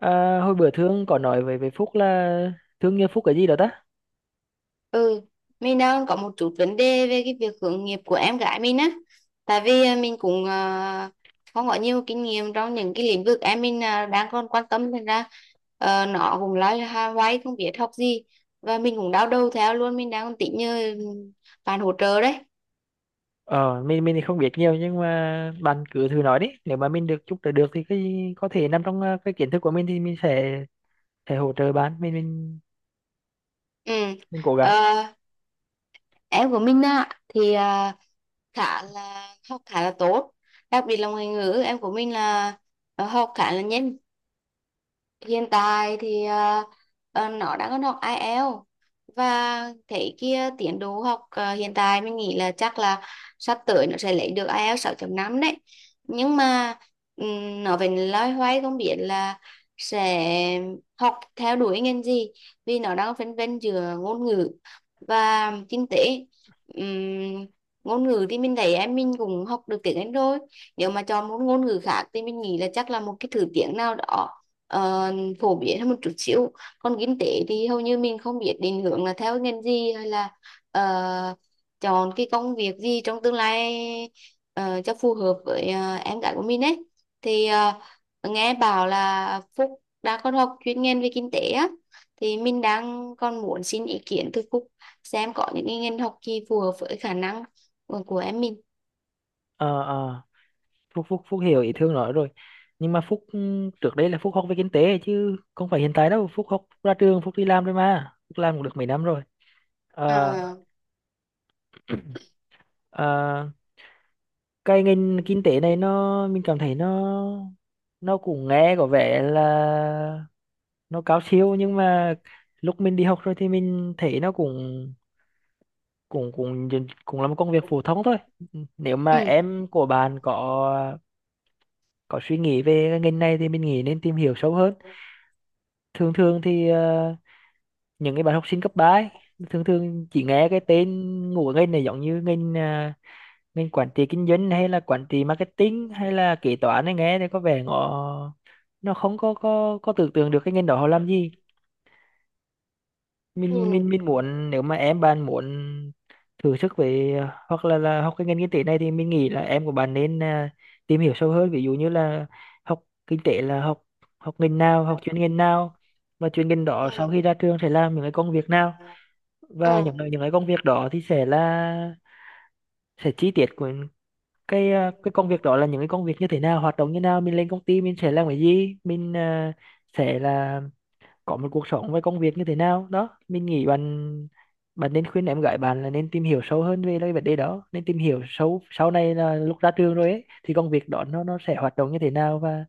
À, hồi bữa Thương có nói với Phúc là Thương như Phúc cái gì đó ta? Ừ, mình đang có một chút vấn đề về cái việc hướng nghiệp của em gái mình á. Tại vì mình cũng không có nhiều kinh nghiệm trong những cái lĩnh vực em mình đang còn quan tâm, thành ra nó cũng hoay không biết học gì, và mình cũng đau đầu theo luôn. Mình đang tính như bạn hỗ trợ đấy. Mình thì không biết nhiều nhưng mà bạn cứ thử nói đi. Nếu mà mình được giúp đỡ được thì cái có thể nằm trong cái kiến thức của mình thì mình sẽ hỗ trợ bạn. Mình mình Ừ. mình cố gắng. Ờ, em của mình á thì khá là học khá là tốt, đặc biệt là ngoại ngữ. Em của mình là học khá là nhanh. Hiện tại thì nó đang còn học IELTS, và thấy kia tiến độ học hiện tại mình nghĩ là chắc là sắp tới nó sẽ lấy được ai eo 6.5 đấy. Nhưng mà nó vẫn loay hoay không biết là sẽ học theo đuổi ngành gì, vì nó đang phân vân giữa ngôn ngữ và kinh tế. Ừm, Ngôn ngữ thì mình thấy em mình cũng học được tiếng Anh rồi, nếu mà chọn một ngôn ngữ khác thì mình nghĩ là chắc là một cái thứ tiếng nào đó ờ, phổ biến hơn một chút xíu. Còn kinh tế thì hầu như mình không biết định hướng là theo ngành gì hay là ờ, chọn cái công việc gì trong tương lai cho phù hợp với em gái của mình ấy. Thì nghe bảo là Phúc đã có học chuyên ngành về kinh tế á, thì mình đang còn muốn xin ý kiến từ Phúc xem có những cái ngành học gì phù hợp với khả năng của em mình. Ờ ờ, Phúc Phúc Phúc hiểu ý Thương nói rồi. Nhưng mà Phúc trước đây là Phúc học về kinh tế chứ không phải hiện tại đâu. Phúc học ra trường Phúc đi làm rồi mà. Phúc làm cũng được mấy năm rồi. Ờ à, ờ, cái ngành kinh tế này mình cảm thấy nó cũng nghe có vẻ là nó cao siêu, nhưng mà lúc mình đi học rồi thì mình thấy nó cũng cũng cũng cũng là một công việc phổ thông thôi. Nếu mà ừ. em của bạn có suy nghĩ về cái ngành này thì mình nghĩ nên tìm hiểu sâu hơn. Thường thường thì những cái bạn học sinh cấp ba ấy, thường thường chỉ nghe cái tên ngủ ngành này, giống như ngành mình quản trị kinh doanh hay là quản trị marketing hay là kế toán ấy, nghe thì có vẻ nó không có có tưởng tượng được cái ngành đó họ làm gì. Mình Ừ. muốn nếu mà em bạn muốn thử sức về hoặc là học cái ngành kinh tế này thì mình nghĩ là em của bạn nên tìm hiểu sâu hơn, ví dụ như là học kinh tế là học học ngành nào, học chuyên ngành nào, và chuyên ngành đó Ừ. sau khi ra trường sẽ làm những cái công việc nào, Ừ. và những cái công việc đó thì sẽ là sẽ chi tiết của cái cái công việc đó là những cái công việc như thế nào, hoạt động như nào, mình lên công ty mình sẽ làm cái gì, mình sẽ là có một cuộc sống với công việc như thế nào đó. Mình nghĩ bạn bạn nên khuyên em gái bạn là nên tìm hiểu sâu hơn về cái vấn đề đó, nên tìm hiểu sâu sau này là lúc ra trường rồi ấy, thì công việc đó nó sẽ hoạt động như thế nào. Và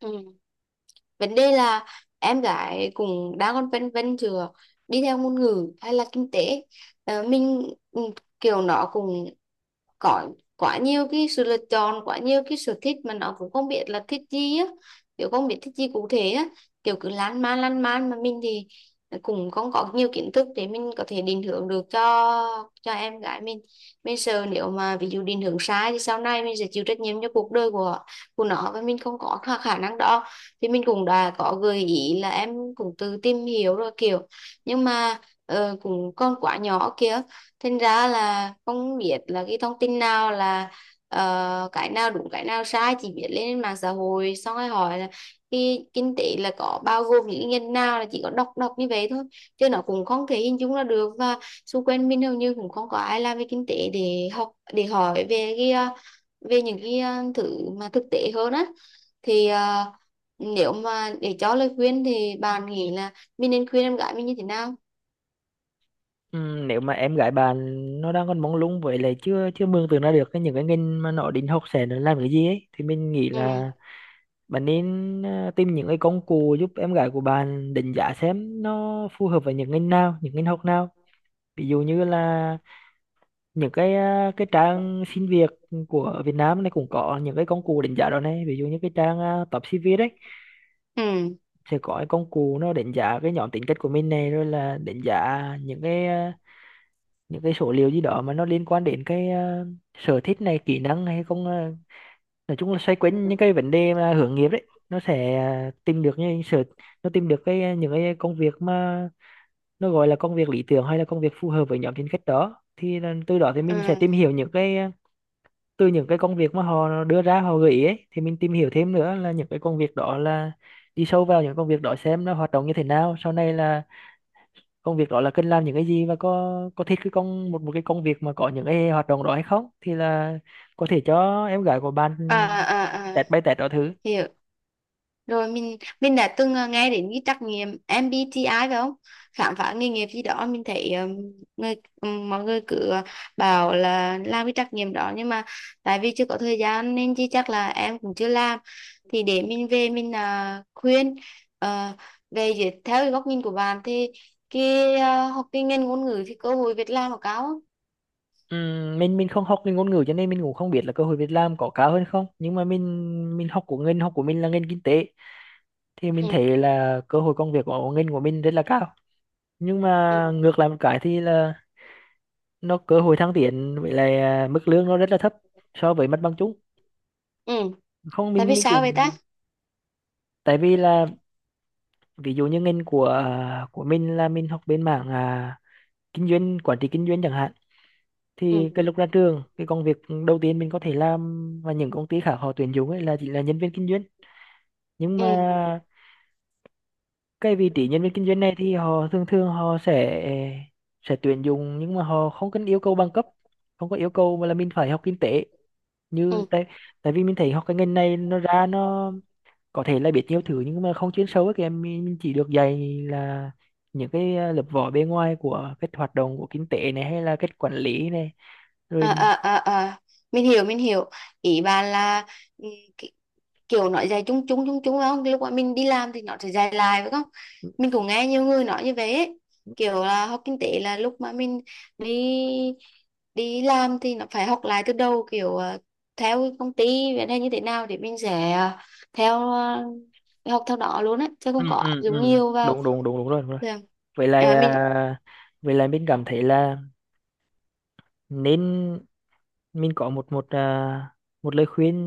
Ừ. Vấn đề là em gái cũng đang còn phân vân giữa đi theo ngôn ngữ hay là kinh tế. Ờ, mình ừ, Kiểu nó cũng có quá nhiều cái sự lựa chọn, quá nhiều cái sở thích mà nó cũng không biết là thích gì á, kiểu không biết thích gì cụ thể á, kiểu cứ lan man lan man. Mà mình thì cũng không có nhiều kiến thức để mình có thể định hướng được cho em gái mình. Mình sợ nếu mà ví dụ định hướng sai thì sau này mình sẽ chịu trách nhiệm cho cuộc đời của nó, và mình không có khả khả năng đó. Thì mình cũng đã có gợi ý là em cũng tự tìm hiểu rồi kiểu, nhưng mà cũng còn quá nhỏ kia, thành ra là không biết là cái thông tin nào là cái nào đúng cái nào sai, chỉ biết lên mạng xã hội xong rồi hỏi là cái kinh tế là có bao gồm những nhân nào, là chỉ có đọc đọc như vậy thôi chứ nó cũng không thể hình dung ra được. Và xung quanh mình hầu như cũng không có ai làm về kinh tế để học để hỏi về cái về những cái thứ mà thực tế hơn á. Thì nếu mà để cho lời khuyên thì bạn nghĩ là mình nên khuyên em gái mình như thế nào? Nếu mà em gái bạn nó đang còn mông lung, với lại chưa chưa mường tượng ra được cái những cái ngành mà nó định học sẽ là làm cái gì ấy, thì mình nghĩ là Ừ, bạn nên tìm những cái công cụ giúp em gái của bạn đánh giá xem nó phù hợp với những ngành nào, những ngành học nào. Ví dụ như là những cái cái trang xin việc của Việt Nam này cũng có những cái công cụ đánh giá đó này. Ví dụ như cái trang Top CV đấy ừ, sẽ có cái công cụ nó đánh giá cái nhóm tính cách của mình này, rồi là đánh giá những cái những cái số liệu gì đó mà nó liên quan đến cái sở thích này, kỹ năng, hay không nói chung là xoay quanh những cái vấn đề mà hướng nghiệp đấy, nó sẽ tìm được những sở, nó tìm được cái những cái công việc mà nó gọi là công việc lý tưởng hay là công việc phù hợp với nhóm tính cách đó. Thì là từ đó thì mình sẽ ừ. tìm hiểu những cái từ những cái công việc mà họ đưa ra, họ gợi ý ấy, thì mình tìm hiểu thêm nữa là những cái công việc đó là đi sâu vào những công việc đó, xem nó hoạt động như thế nào, sau này là công việc đó là cần làm những cái gì và có thích cái công một một cái công việc mà có những cái hoạt động đó hay không. Thì là có thể cho em gái của bạn À, à, à, test bay test đó thử. hiểu rồi. Mình đã từng nghe đến cái trắc nghiệm MBTI, phải không, khám phá nghề nghiệp gì đó. Mình thấy người mọi người cứ bảo là làm cái trắc nghiệm đó, nhưng mà tại vì chưa có thời gian nên chứ chắc là em cũng chưa làm. Thì để mình về mình khuyên ờ, về dưới. Theo cái góc nhìn của bạn thì cái học cái ngành ngôn ngữ thì cơ hội việc làm nó cao không? Mình không học cái ngôn ngữ, cho nên mình cũng không biết là cơ hội việc làm có cao hơn không, nhưng mà mình học của ngành học của mình là ngành kinh tế thì mình Ừ, thấy là cơ hội công việc của ngành của mình rất là cao, nhưng mà ừ, ngược lại một cái thì là nó cơ hội thăng tiến với lại mức lương nó rất là thấp so với mặt bằng chung. ừ. Không, Tại mình vì mình sao vậy ta? cũng tại vì là, ví dụ như ngành của của mình là mình học bên mảng kinh doanh, quản trị kinh doanh chẳng hạn, thì cái Ừ, lúc ra trường cái công việc đầu tiên mình có thể làm mà những công ty khác họ tuyển dụng ấy là chỉ là nhân viên kinh doanh, nhưng mà ừ, cái vị trí nhân viên kinh doanh này thì họ thường thường họ sẽ tuyển dụng nhưng mà họ không cần yêu cầu bằng cấp, không có yêu cầu mà là mình phải học kinh tế. Như ừ. tại, tại vì mình thấy học cái ngành này nó ra À, nó có thể là biết nhiều thứ nhưng mà không chuyên sâu ấy kìa. Mình chỉ được dạy là những cái lớp vỏ bề ngoài của cách hoạt động của kinh tế này hay là cách quản lý này, rồi à, à, à. Mình hiểu, mình hiểu ý bà là ừ, ki- kiểu nói dài chung chung chung chung phải không, lúc mà mình đi làm thì nó sẽ dài lại, phải không. Mình cũng nghe nhiều người nói như vậy ấy. Kiểu là học kinh tế là lúc mà mình đi đi làm thì nó phải học lại từ đầu, kiểu theo công ty vậy, hay như thế nào để mình sẽ theo học theo đó luôn á chứ ừ không có áp ừ dụng ừ nhiều vào. đúng đúng đúng đúng rồi, đúng rồi. Dạ. Vậy là Mình. Vậy là mình cảm thấy là nên, mình có một một một lời khuyên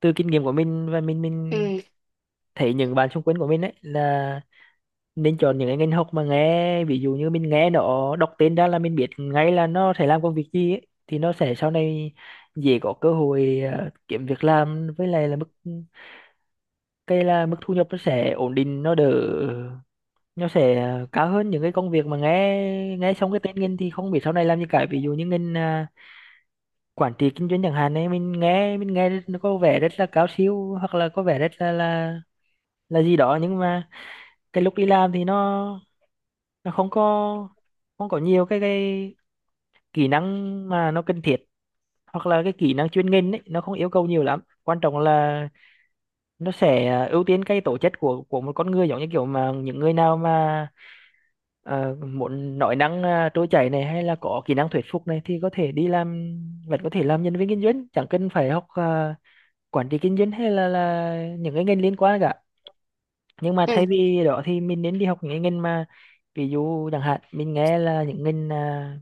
từ kinh nghiệm của mình, và mình Ừ. thấy những bạn xung quanh của mình ấy, là nên chọn những cái ngành học mà nghe, ví dụ như mình nghe nó đọc tên ra là mình biết ngay là nó sẽ làm công việc gì ấy, thì nó sẽ sau này dễ có cơ hội kiếm việc làm, với lại là mức, cái là mức thu nhập nó sẽ ổn định, nó đỡ, nó sẽ cao hơn những cái công việc mà nghe nghe xong cái tên ngành thì không biết sau này làm gì cả. Ví dụ như ngành quản trị kinh doanh chẳng hạn ấy, mình nghe nó có vẻ rất là cao siêu hoặc là có vẻ rất là là gì đó, nhưng mà cái lúc đi làm thì nó không có, không có nhiều cái kỹ năng mà nó cần thiết, hoặc là cái kỹ năng chuyên ngành ấy nó không yêu cầu nhiều lắm. Quan trọng là nó sẽ ưu tiên cái tố chất của một con người, giống như kiểu mà những người nào mà muốn nói năng trôi chảy này hay là có kỹ năng thuyết phục này, thì có thể đi làm, vẫn có thể làm nhân viên kinh doanh chẳng cần phải học quản trị kinh doanh hay là những cái ngành liên quan cả. Nhưng mà thay Ừ. vì đó thì mình nên đi học những cái ngành mà ví dụ chẳng hạn mình nghe là những ngành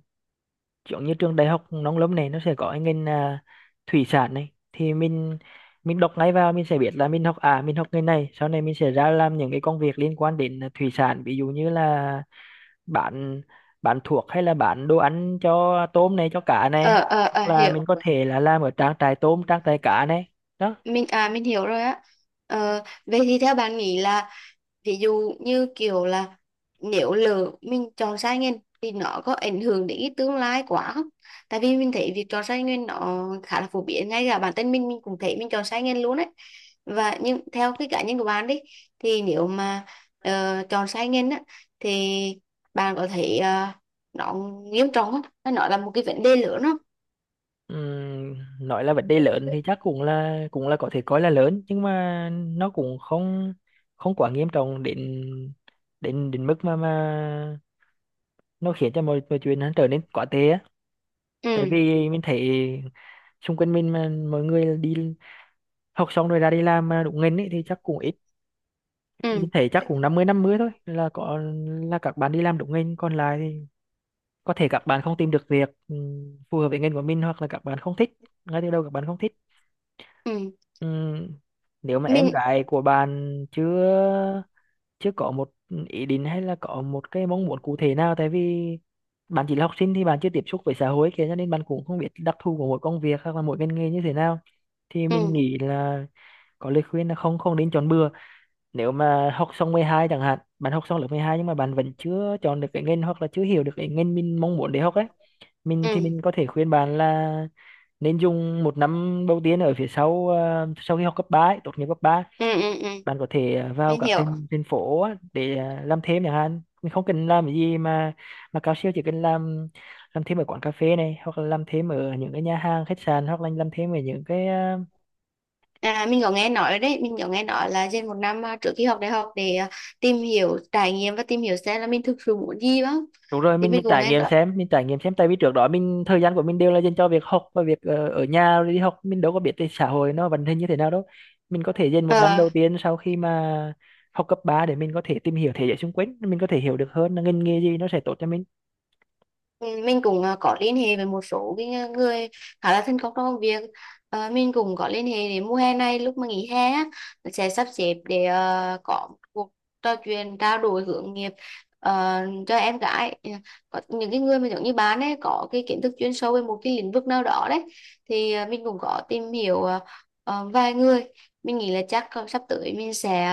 giống như trường đại học nông lâm này, nó sẽ có cái ngành thủy sản này, thì mình đọc ngay vào mình sẽ biết là mình học, à mình học ngành này sau này mình sẽ ra làm những cái công việc liên quan đến thủy sản, ví dụ như là bán bán thuốc hay là bán đồ ăn cho tôm này, cho cá này, ờ, hoặc là Hiểu. mình có thể là làm ở trang trại tôm, trang trại cá này đó. Mình hiểu rồi á. Ờ, vậy thì theo bạn nghĩ là, ví dụ như kiểu là, nếu lỡ mình chọn sai ngành thì nó có ảnh hưởng đến cái tương lai quá không? Tại vì mình thấy việc chọn sai ngành nó khá là phổ biến, ngay cả bản thân mình cũng thấy mình chọn sai ngành luôn đấy. Và nhưng theo cái cá nhân của bạn đi, thì nếu mà chọn sai ngành á thì bạn có thấy nó nghiêm trọng không? Nó là một cái vấn đề lớn không? Ừm, nói là vấn đề lớn thì chắc cũng là có thể coi là lớn, nhưng mà nó cũng không, không quá nghiêm trọng đến đến đến mức mà nó khiến cho mọi mọi chuyện nó trở nên quá tệ á. Tại Ừ. vì mình thấy xung quanh mình mà mọi người đi học xong rồi ra đi làm mà đúng ngành ấy thì chắc cũng ít. Mình Ừ. thấy chắc cũng năm mươi năm 50 thôi là có là các bạn đi làm đúng ngành, còn lại thì có thể các bạn không tìm được việc phù hợp với ngành của mình, hoặc là các bạn không thích, ngay từ đầu các bạn không thích. Ừ. Ừm, nếu mà em mình gái của bạn chưa chưa có một ý định hay là có một cái mong muốn cụ thể nào, tại vì bạn chỉ là học sinh thì bạn chưa tiếp xúc với xã hội kia, cho nên bạn cũng không biết đặc thù của mỗi công việc hoặc là mỗi ngành nghề như thế nào, thì mình ừ, nghĩ là có lời khuyên là không không nên chọn bừa. Nếu mà học xong 12 chẳng hạn, bạn học xong lớp 12 nhưng mà bạn vẫn chưa chọn được cái ngành hoặc là chưa hiểu được cái ngành mình mong muốn để học ấy, ừ, mình có thể khuyên bạn là nên dùng một năm đầu tiên ở phía sau sau khi học cấp 3, ấy, tốt nghiệp cấp 3, ừ, ừ, ừ. bạn có thể vào Mình các hiểu. thành thành phố á, để làm thêm chẳng hạn. Mình không cần làm cái gì mà cao siêu, chỉ cần làm thêm ở quán cà phê này, hoặc là làm thêm ở những cái nhà hàng, khách sạn, hoặc là làm thêm ở những cái À, mình có nghe nói đấy, mình có nghe nói là dành một năm trước khi học đại học để tìm hiểu trải nghiệm và tìm hiểu xem là mình thực sự muốn gì đó. đúng rồi. Thì mình mình mình cũng trải nghe nghiệm nói xem, mình trải nghiệm xem, tại vì trước đó mình, thời gian của mình đều là dành cho việc học và việc ở nhà rồi đi học, mình đâu có biết cái xã hội nó vận hành như thế nào đâu. Mình có thể dành một năm ờ, đầu tiên sau khi mà học cấp 3 để mình có thể tìm hiểu thế giới xung quanh, mình có thể hiểu được hơn là ngành nghề gì nó sẽ tốt cho mình. ừ, mình cũng có liên hệ với một số cái người khá là thân công trong công việc. Ờ, mình cũng có liên hệ để mùa hè này, lúc mà nghỉ hè á, sẽ sắp xếp để có một cuộc trò chuyện trao đổi hướng nghiệp ờ, cho em gái. Ừ, có những cái người mà giống như bạn ấy, có cái kiến thức chuyên sâu về một cái lĩnh vực nào đó đấy, thì mình cũng có tìm hiểu vài người. Mình nghĩ là chắc sắp tới mình sẽ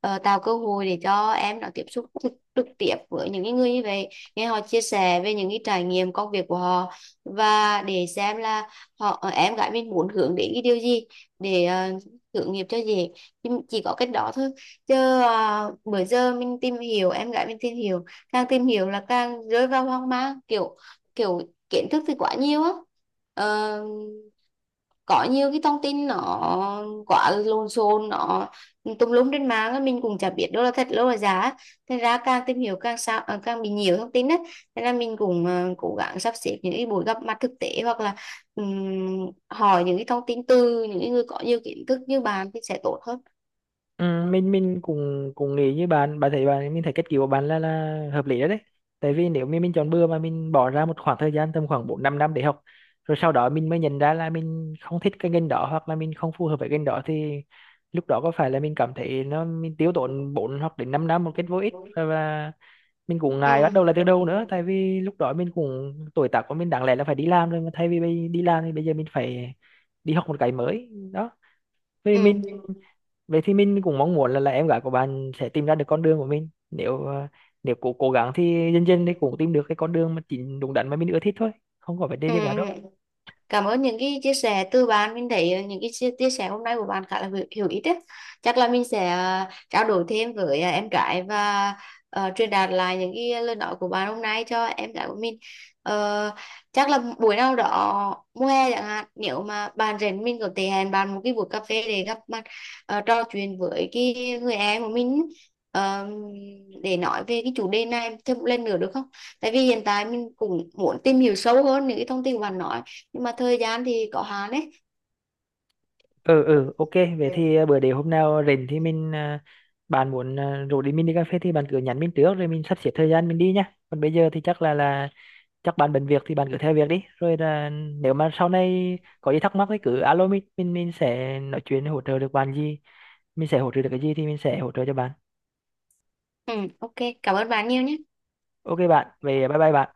tạo cơ hội để cho em nó tiếp xúc trực tiếp với những cái người như vậy, nghe họ chia sẻ về những cái trải nghiệm công việc của họ. Và để xem là họ, em gái mình muốn hướng đến cái điều gì để uh, hướng nghiệp cho dễ. Chỉ có cách đó thôi, chứ bữa giờ mình tìm hiểu, em gái mình tìm hiểu, càng tìm hiểu là càng rơi vào hoang mang, kiểu kiểu kiến thức thì quá nhiều á. Ờ, có nhiều cái thông tin nó quá lộn xộn, nó tùm lum trên mạng á, mình cũng chả biết đâu là thật đâu là giả á. Thành ra càng tìm hiểu càng sao càng bị nhiều thông tin á. Nên là mình cũng cố gắng sắp xếp những cái buổi gặp mặt thực tế, hoặc là hỏi những cái thông tin từ những người có nhiều kiến thức như bạn thì sẽ tốt hơn. Ừ, mình cũng cũng nghĩ như bạn. Bạn thấy bạn Mình thấy cách cứu của bạn là hợp lý đó đấy, tại vì nếu mình chọn bừa mà mình bỏ ra một khoảng thời gian tầm khoảng bốn năm, năm để học, rồi sau đó mình mới nhận ra là mình không thích cái ngành đó hoặc là mình không phù hợp với ngành đó, thì lúc đó có phải là mình cảm thấy nó, mình tiêu tốn 4 hoặc đến 5 năm một cách vô ích, và mình cũng Ừ, ngại bắt đầu lại từ đầu nữa, tại vì lúc đó mình cũng, tuổi tác của mình đáng lẽ là phải đi làm rồi, mà thay vì đi làm thì bây giờ mình phải đi học một cái mới đó. Vì ừ, mình Vậy thì mình cũng mong muốn là em gái của bạn sẽ tìm ra được con đường của mình. Nếu nếu cố cố gắng thì dần dần thì cũng tìm được cái con đường mà chính, đúng đắn mà mình ưa thích thôi, không có vấn đề ừ, gì cả đâu. ừ. Cảm ơn những cái chia sẻ từ bạn. Mình thấy những cái chia sẻ hôm nay của bạn khá là hữu ích đấy. Chắc là mình sẽ trao đổi thêm với em gái, và truyền đạt lại những cái lời nói của bạn hôm nay cho em gái của mình. Ờ, chắc là buổi nào đó mùa hè chẳng hạn, nếu mà bạn rảnh mình có thể hẹn bạn một cái buổi cà phê để gặp mặt, trò chuyện với cái người em của mình, ờ, để nói về cái chủ đề này thêm một lần nữa được không? Tại vì hiện tại mình cũng muốn tìm hiểu sâu hơn những cái thông tin của bạn nói, nhưng mà thời gian thì có hạn đấy. Ừ OK. Vậy thì bữa để hôm nào rảnh thì mình, bạn muốn rủ đi, mình đi cà phê thì bạn cứ nhắn mình trước rồi mình sắp xếp thời gian mình đi nhá. Còn bây giờ thì chắc là chắc bạn bận việc thì bạn cứ theo việc đi, rồi là nếu mà sau này có gì thắc mắc thì cứ alo mình, mình sẽ nói chuyện hỗ trợ được bạn gì, mình sẽ hỗ trợ được cái gì thì mình sẽ hỗ trợ cho bạn. Ừ, ok, cảm ơn bạn nhiều nhé. OK bạn, về, bye bye bạn.